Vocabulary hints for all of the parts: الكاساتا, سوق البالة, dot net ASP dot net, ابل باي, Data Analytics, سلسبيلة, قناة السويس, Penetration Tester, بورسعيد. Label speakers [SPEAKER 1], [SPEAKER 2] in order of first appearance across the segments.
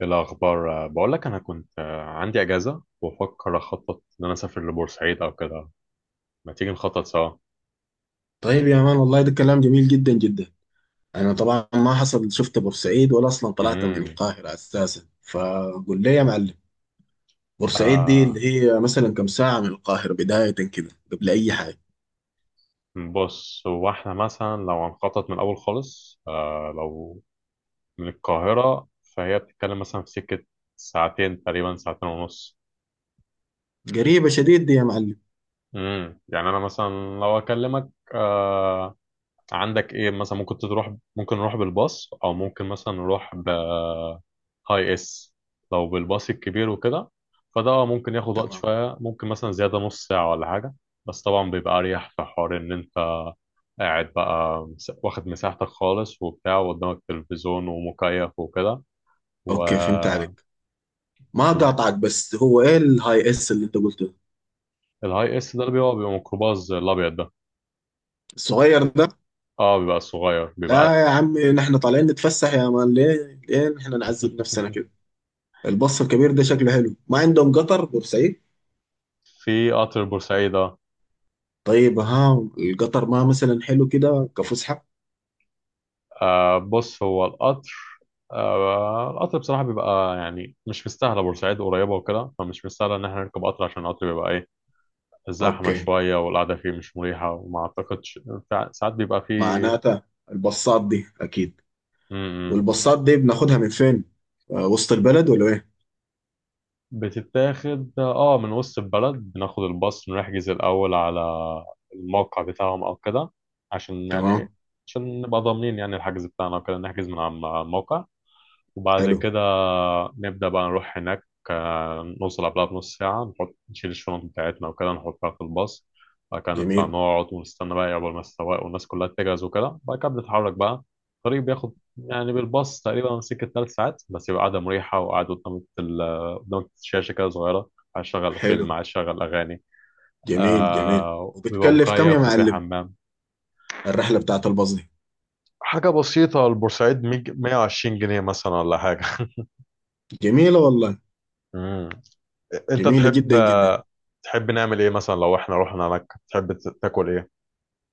[SPEAKER 1] إيه الأخبار؟ بقول لك أنا كنت عندي أجازة وبفكر أخطط إن أنا أسافر لبورسعيد أو كده. ما تيجي نخطط سوا؟
[SPEAKER 2] طيب يا مان، والله ده كلام جميل جدا جدا. انا طبعا ما حصل شفت بورسعيد ولا اصلا طلعت من
[SPEAKER 1] امم
[SPEAKER 2] القاهره اساسا، فقول لي يا معلم. بورسعيد دي اللي
[SPEAKER 1] آه
[SPEAKER 2] هي مثلا كم ساعه من القاهره؟ بدايه كده قبل اي حاجه.
[SPEAKER 1] بص، هو إحنا مثلا لو هنخطط من الأول خالص لو من القاهرة، فهي بتتكلم مثلا في سكة ساعتين تقريبا، ساعتين ونص.
[SPEAKER 2] قريبه شديد دي يا معلم.
[SPEAKER 1] يعني أنا مثلا لو أكلمك آه عندك إيه مثلا، ممكن تروح، ممكن نروح بالباص أو ممكن مثلا نروح ب اي اس. لو بالباص الكبير وكده فده ممكن ياخد وقت
[SPEAKER 2] تمام.
[SPEAKER 1] شوية، ممكن مثلا زيادة نص ساعة ولا حاجة. بس طبعا بيبقى أريح في حوار إن أنت قاعد بقى، واخد مساحتك خالص وبتاع، وقدامك تلفزيون ومكيف وكده، و...
[SPEAKER 2] اوكي، فهمت عليك. ما
[SPEAKER 1] الز-
[SPEAKER 2] قاطعك، بس هو ايه الهاي اس اللي انت قلته؟
[SPEAKER 1] الهاي اس ده اللي بيبقى ميكروباص الأبيض ده.
[SPEAKER 2] الصغير ده.
[SPEAKER 1] اه، بيبقى الصغير بيبقى.
[SPEAKER 2] لا يا عمي، نحن طالعين نتفسح يا مان، ليه ليه نحن نعذب نفسنا كده؟ البص الكبير ده شكله حلو. ما عندهم قطر بورسعيد؟
[SPEAKER 1] في قطر بورسعيدة؟
[SPEAKER 2] طيب ها. القطر ما مثلا حلو كده كفسحة؟
[SPEAKER 1] آه بص، هو القطر... القطر بصراحة بيبقى يعني مش مستاهلة، بورسعيد قريبة وكده فمش مستاهلة إن احنا نركب قطر، عشان القطر بيبقى إيه، زحمة
[SPEAKER 2] اوكي.
[SPEAKER 1] شوية والقعدة فيه مش مريحة، وما أعتقدش. ساعات بيبقى فيه
[SPEAKER 2] معناتها البصات دي اكيد.
[SPEAKER 1] م- م.
[SPEAKER 2] والبصات دي بناخدها من فين؟ وسط البلد ولا ايه؟
[SPEAKER 1] بتتاخد آه من وسط البلد، بناخد الباص، نحجز الأول على الموقع بتاعهم أو كده، عشان يعني إيه،
[SPEAKER 2] تمام.
[SPEAKER 1] عشان نبقى ضامنين يعني الحجز بتاعنا وكده، نحجز من على الموقع، وبعد
[SPEAKER 2] حلو.
[SPEAKER 1] كده نبدأ بقى نروح هناك. نوصل قبلها بنص ساعة، نحط نشيل الشنط بتاعتنا وكده نحطها في الباص، بعد كده نطلع
[SPEAKER 2] جميل.
[SPEAKER 1] نقعد ونستنى بقى قبل ما السواق والناس كلها تجهز وكده، بعد كده بنتحرك بقى. الطريق بياخد يعني بالباص تقريبا سكة 3 ساعات بس، يبقى قاعدة مريحة، وقاعد قدام قدام شاشة كده صغيرة، عايز أشغل فيلم
[SPEAKER 2] حلو.
[SPEAKER 1] عايز أشغل أغاني.
[SPEAKER 2] جميل جميل
[SPEAKER 1] آه بيبقى
[SPEAKER 2] وبتكلف كم يا
[SPEAKER 1] مكيف وفيه
[SPEAKER 2] معلم
[SPEAKER 1] حمام،
[SPEAKER 2] الرحلة بتاعت الباص دي؟
[SPEAKER 1] حاجة بسيطة. البورسعيد 120 جنيه مثلا ولا حاجة.
[SPEAKER 2] جميلة والله.
[SPEAKER 1] مم. انت
[SPEAKER 2] جميلة
[SPEAKER 1] تحب
[SPEAKER 2] جدا جدا.
[SPEAKER 1] نعمل ايه مثلا لو احنا رحنا مكة، تحب تاكل ايه؟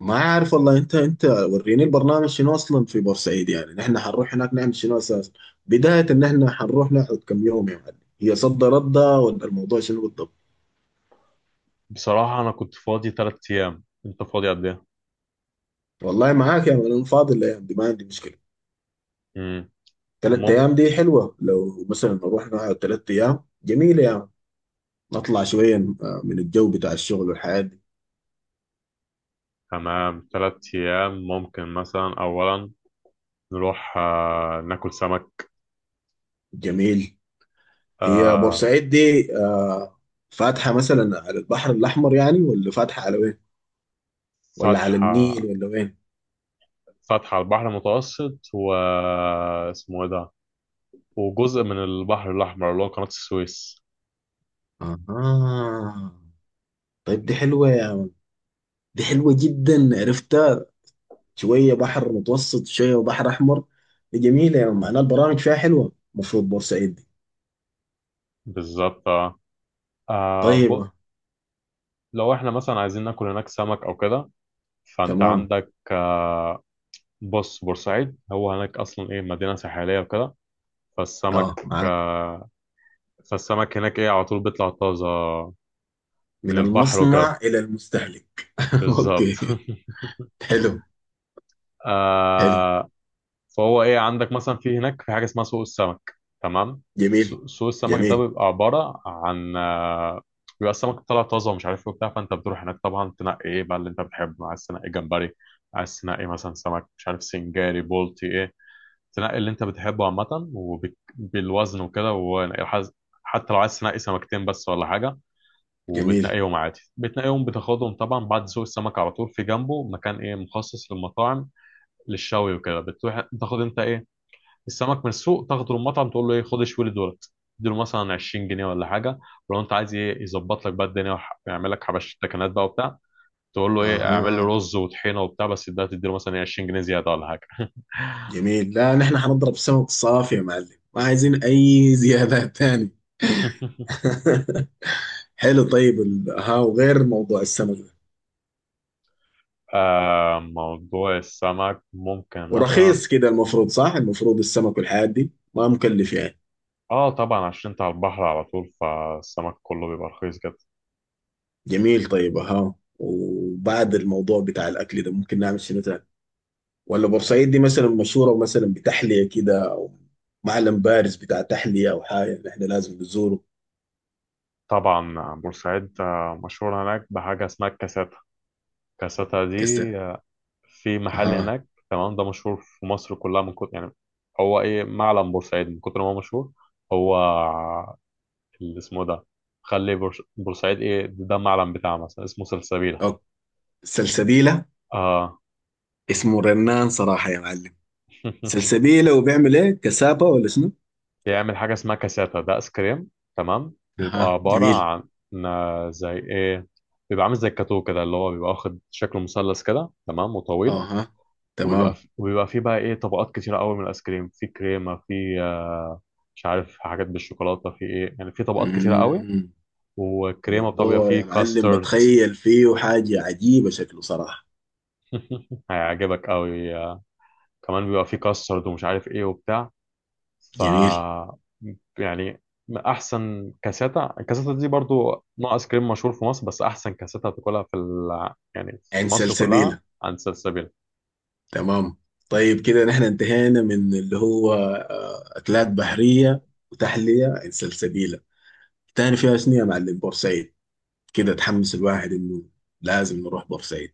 [SPEAKER 2] ما عارف والله. انت وريني البرنامج شنو اصلا في بورسعيد، يعني نحن حنروح هناك نعمل شنو اساسا؟ بداية ان احنا حنروح نقعد كم يوم يا معلم؟ هي صد ردة ولا الموضوع شنو بالضبط؟
[SPEAKER 1] بصراحة انا كنت فاضي 3 ايام، انت فاضي قد ايه؟
[SPEAKER 2] والله معاك يا مان، انا فاضي الايام دي، ما عندي مشكله.
[SPEAKER 1] امم
[SPEAKER 2] ثلاث
[SPEAKER 1] ممكن.
[SPEAKER 2] ايام دي حلوه، لو مثلا نروح نقعد ثلاث ايام جميله يا مان. نطلع شويه من الجو بتاع الشغل والحياه دي.
[SPEAKER 1] تمام، 3 ايام ممكن مثلا، اولا نروح ناكل سمك.
[SPEAKER 2] جميل. هي
[SPEAKER 1] آه.
[SPEAKER 2] بورسعيد دي فاتحه مثلا على البحر الاحمر يعني، ولا فاتحه على وين؟ ولا على
[SPEAKER 1] فتحة
[SPEAKER 2] النيل ولا وين؟
[SPEAKER 1] فتحة على البحر المتوسط، و اسمه ايه ده، وجزء من البحر الاحمر اللي هو قناة السويس.
[SPEAKER 2] اها. طيب، دي حلوه يا مان. دي حلوه جدا، عرفتها. شويه بحر متوسط، شويه بحر احمر. دي جميله يا مان، معناها البرامج فيها حلوه المفروض بورسعيد دي.
[SPEAKER 1] بالظبط اه. آه، ب-
[SPEAKER 2] طيبه.
[SPEAKER 1] لو احنا مثلا عايزين ناكل هناك سمك او كده، فانت
[SPEAKER 2] تمام.
[SPEAKER 1] عندك بص، بورسعيد هو هناك اصلا ايه، مدينه ساحليه وكده،
[SPEAKER 2] اه،
[SPEAKER 1] فالسمك
[SPEAKER 2] معاك.
[SPEAKER 1] آه، فالسمك هناك ايه، على طول بيطلع طازه من
[SPEAKER 2] من
[SPEAKER 1] البحر وكده،
[SPEAKER 2] المصنع الى المستهلك.
[SPEAKER 1] بالظبط.
[SPEAKER 2] اوكي. حلو. حلو.
[SPEAKER 1] آه. فهو ايه، عندك مثلا في هناك في حاجه اسمها سوق السمك، تمام.
[SPEAKER 2] جميل.
[SPEAKER 1] سوق السمك ده
[SPEAKER 2] جميل.
[SPEAKER 1] بيبقى عباره عن بيبقى السمك طالع طازه ومش عارف ايه وبتاع، فانت بتروح هناك طبعا تنقي ايه بقى اللي انت بتحبه، عايز تنقي جمبري، عايز تنقي مثلا سمك، مش عارف سنجاري بولتي إيه، تنقي اللي انت بتحبه عامة، وبالوزن وكده، وحز- حتى لو عايز تنقي سمكتين بس ولا حاجة،
[SPEAKER 2] جميل.
[SPEAKER 1] وبتنقيهم عادي، بتنقيهم بتاخدهم طبعا، بعد سوق السمك على طول في جنبه مكان ايه مخصص للمطاعم، للشوي وكده. بتروح تاخد انت ايه، السمك من السوق تاخده للمطعم تقول له ايه، خد اشوي لي دولت، تديله مثلا 20 جنيه ولا حاجة، ولو انت عايز ايه يظبط لك بقى الدنيا ويعمل لك حبش تكنات بقى وبتاع، تقول له ايه اعمل لي
[SPEAKER 2] اها،
[SPEAKER 1] رز وطحينة وبتاع، بس ده تديله مثلا إيه 20 جنيه زيادة ولا حاجة.
[SPEAKER 2] جميل. لا، نحن حنضرب سمك صافي يا معلم، ما عايزين اي زيادات تاني. حلو. طيب، ها، وغير موضوع السمك ده،
[SPEAKER 1] آه، موضوع السمك ممكن مثلا...
[SPEAKER 2] ورخيص كده المفروض، صح؟ المفروض السمك والحاجات دي ما مكلف يعني.
[SPEAKER 1] اه طبعا عشان انت على البحر على طول، فالسمك كله بيبقى رخيص جدا.
[SPEAKER 2] جميل. طيب ها، وبعد الموضوع بتاع الاكل ده ممكن نعمل شنو تاني؟ ولا بورسعيد دي مثلا مشهورة مثلا بتحلية كده، أو معلم بارز بتاع تحلية أو حاجة اللي إحنا لازم نزوره؟
[SPEAKER 1] طبعا بورسعيد مشهور هناك بحاجة اسمها الكاساتا. الكاساتا دي
[SPEAKER 2] كسر.
[SPEAKER 1] آه، في محل
[SPEAKER 2] اها.
[SPEAKER 1] هناك تمام، ده مشهور في مصر كلها، من كتر يعني هو ايه معلم بورسعيد، من كتر ما هو مشهور، هو اللي اسمه ده، خلي بورسعيد ايه ده معلم بتاعه مثلا اسمه سلسبيلة.
[SPEAKER 2] اوكي. سلسبيلة.
[SPEAKER 1] اه.
[SPEAKER 2] اسمه رنان صراحة يا معلم. سلسبيلة وبيعمل ايه، كسابة ولا شنو؟
[SPEAKER 1] بيعمل حاجة اسمها كاساتا، ده ايس كريم، تمام، بيبقى
[SPEAKER 2] اها،
[SPEAKER 1] عبارة
[SPEAKER 2] جميل.
[SPEAKER 1] عن زي ايه، بيبقى عامل زي الكاتو كده، اللي هو بيبقى واخد شكل مثلث كده تمام وطويل،
[SPEAKER 2] اها، تمام.
[SPEAKER 1] وبيبقى فيه بقى ايه طبقات كتيرة قوي من الايس كريم، في كريمة، في مش عارف حاجات بالشوكولاتة، في ايه يعني في طبقات كتيرة قوي،
[SPEAKER 2] مم.
[SPEAKER 1] والكريمة بتاع بيبقى
[SPEAKER 2] موضوع
[SPEAKER 1] فيه
[SPEAKER 2] يا معلم
[SPEAKER 1] كاسترد.
[SPEAKER 2] بتخيل فيه حاجة عجيبة شكله صراحة.
[SPEAKER 1] هيعجبك قوي. كمان بيبقى فيه كاسترد، ومش عارف ايه وبتاع، ف
[SPEAKER 2] جميل.
[SPEAKER 1] يعني احسن كاساتا، الكاساتا دي برضو نوع ايس كريم مشهور في مصر، بس احسن كاساتا هتاكلها في يعني في
[SPEAKER 2] عين
[SPEAKER 1] مصر كلها،
[SPEAKER 2] سلسبيلة.
[SPEAKER 1] عند سلسبيل.
[SPEAKER 2] تمام. طيب كده نحن انتهينا من اللي هو أكلات بحرية وتحلية عن سلسبيلة. تاني فيها شنو يا معلم بورسعيد؟ كده تحمس الواحد إنه لازم نروح بورسعيد.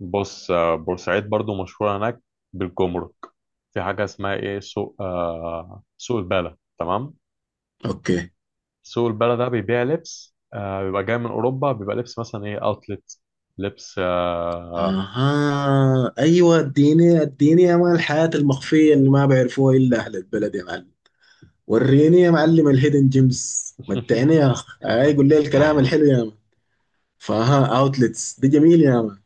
[SPEAKER 1] بص بورسعيد برضو مشهورة هناك بالجمرك، في حاجة اسمها ايه، سوق البالة تمام.
[SPEAKER 2] أوكي.
[SPEAKER 1] سوق البالة ده بيبيع لبس بيبقى جاي من اوروبا، بيبقى لبس مثلا ايه، اوتلت، لبس
[SPEAKER 2] أها، أيوة، اديني اديني يا مان الحياة المخفية اللي ما بيعرفوها إلا أهل البلد يا معلم. وريني يا معلم الهيدن جيمز، متعني يا أخ، أي قول لي الكلام الحلو يا مان. فها، أوتلتس دي جميل يا مان.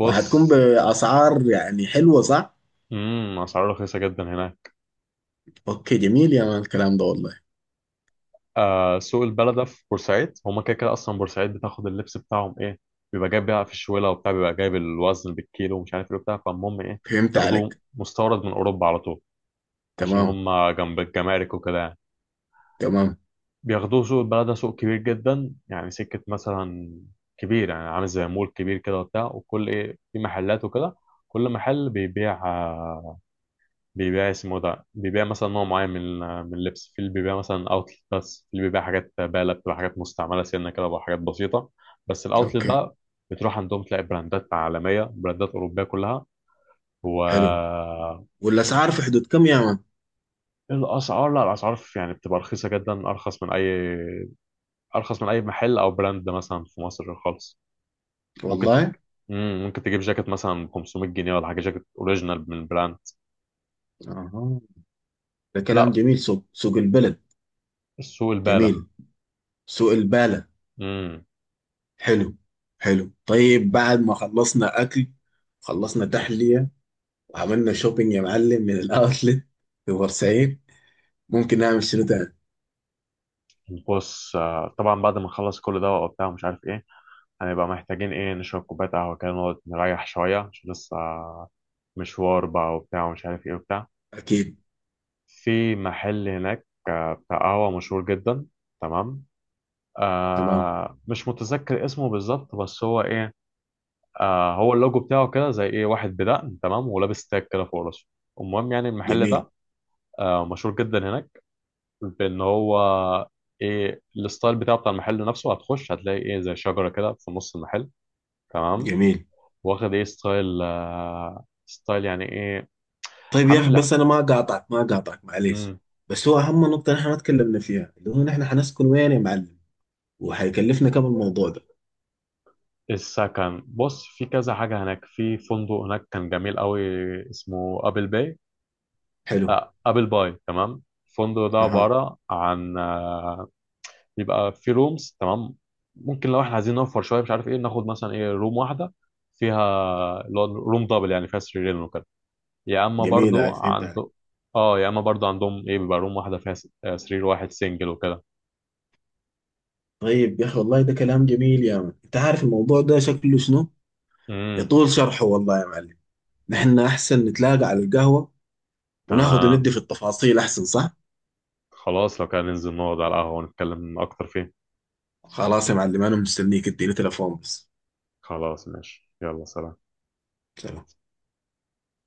[SPEAKER 2] وهتكون بأسعار يعني حلوة، صح؟
[SPEAKER 1] اسعاره رخيصة جدا هناك.
[SPEAKER 2] اوكي، جميل يا مان الكلام ده والله.
[SPEAKER 1] آه سوق البلدة في بورسعيد هما كده كده، أصلا بورسعيد بتاخد اللبس بتاعهم إيه، بيبقى جايب بقى في الشوالة وبتاع، بيبقى جايب الوزن بالكيلو، ومش عارف إيه وبتاع، فالمهم إيه
[SPEAKER 2] فهمت
[SPEAKER 1] بياخدوه
[SPEAKER 2] عليك.
[SPEAKER 1] مستورد من أوروبا على طول، عشان
[SPEAKER 2] تمام
[SPEAKER 1] هما جنب الجمارك وكده يعني،
[SPEAKER 2] تمام.
[SPEAKER 1] بياخدوه. سوق البلدة سوق كبير جدا يعني، سكة مثلا كبير يعني، عامل زي مول كبير كده وبتاع، وكل إيه في محلات وكده، كل محل بيبيع بيبيع اسمه ده، بيبيع مثلا نوع معين من اللبس، في اللي بيبيع مثلا اوتلت، بس في اللي بيبيع حاجات بالة بتبقى حاجات مستعملة سنة كده وحاجات بسيطة. بس الاوتلت
[SPEAKER 2] اوكي،
[SPEAKER 1] بقى بتروح عندهم تلاقي براندات عالمية، براندات أوروبية كلها، و...
[SPEAKER 2] حلو. والاسعار في حدود كم يا مان؟
[SPEAKER 1] الأسعار، لا الأسعار يعني بتبقى رخيصة جدا، أرخص من أي... أرخص من أي محل أو براند مثلا في مصر خالص. ممكن تج...
[SPEAKER 2] والله.
[SPEAKER 1] ممكن تجيب جاكيت مثلا ب 500 جنيه ولا حاجة، جاكيت أوريجينال من براند.
[SPEAKER 2] اها، ده كلام
[SPEAKER 1] لا،
[SPEAKER 2] جميل. سوق البلد.
[SPEAKER 1] السوق البالة.
[SPEAKER 2] جميل. سوق البالة.
[SPEAKER 1] مم.
[SPEAKER 2] حلو. حلو. طيب، بعد ما خلصنا اكل، خلصنا تحلية، وعملنا شوبينج يا معلم من الاوتلت في بورسعيد، ممكن نعمل شنو تاني؟
[SPEAKER 1] بص طبعا بعد ما نخلص كل ده وبتاع ومش عارف ايه، هنبقى محتاجين ايه نشرب كوباية قهوة كده، نقعد نريح شوية عشان لسه مشوار بقى وبتاع، ومش عارف ايه وبتاع.
[SPEAKER 2] اكيد.
[SPEAKER 1] في محل هناك بتاع قهوة مشهور جدا، تمام.
[SPEAKER 2] تمام.
[SPEAKER 1] آه مش متذكر اسمه بالظبط، بس هو ايه، آه هو اللوجو بتاعه كده زي ايه واحد بدقن تمام، ولابس تاج كده فوق راسه، المهم يعني المحل
[SPEAKER 2] جميل
[SPEAKER 1] ده مشهور جدا هناك، بان هو ايه الستايل بتاعه بتاع المحل نفسه، هتخش هتلاقي ايه زي شجره كده في نص المحل، تمام،
[SPEAKER 2] جميل.
[SPEAKER 1] واخد ايه ستايل ستايل يعني ايه،
[SPEAKER 2] طيب يا اخي،
[SPEAKER 1] عامل لا...
[SPEAKER 2] بس انا ما قاطعك معليش.
[SPEAKER 1] مم.
[SPEAKER 2] بس هو اهم نقطه نحن ما تكلمنا فيها اللي هو نحن حنسكن وين يا معلم؟ وحيكلفنا كم الموضوع ده؟
[SPEAKER 1] السكن بص، في كذا حاجه هناك، في فندق هناك كان جميل قوي اسمه ابل باي.
[SPEAKER 2] حلو.
[SPEAKER 1] آه ابل باي تمام، الفندق ده
[SPEAKER 2] اها،
[SPEAKER 1] عباره عن آه، بيبقى في رومز، تمام، ممكن لو احنا عايزين نوفر شويه مش عارف ايه، ناخد مثلا ايه روم واحده فيها اللي هو روم دبل يعني فيها سريرين وكده، يا اما
[SPEAKER 2] جميل.
[SPEAKER 1] برضو
[SPEAKER 2] هاي، فهمت عليك.
[SPEAKER 1] عنده... اه يا اما برضو عندهم ايه بيبقى روم واحده فيها سرير واحد سنجل وكده.
[SPEAKER 2] طيب يا اخي والله ده كلام جميل يا من، انت عارف الموضوع ده شكله شنو،
[SPEAKER 1] امم
[SPEAKER 2] يطول شرحه والله يا معلم. نحن احسن نتلاقى على القهوه وناخذ
[SPEAKER 1] تمام،
[SPEAKER 2] وندي في التفاصيل احسن، صح؟
[SPEAKER 1] خلاص لو كان ننزل نقعد على القهوه ونتكلم اكتر فيه.
[SPEAKER 2] خلاص يا معلم، انا مستنيك، اديني تليفون بس.
[SPEAKER 1] خلاص ماشي، يلا سلام.
[SPEAKER 2] سلام.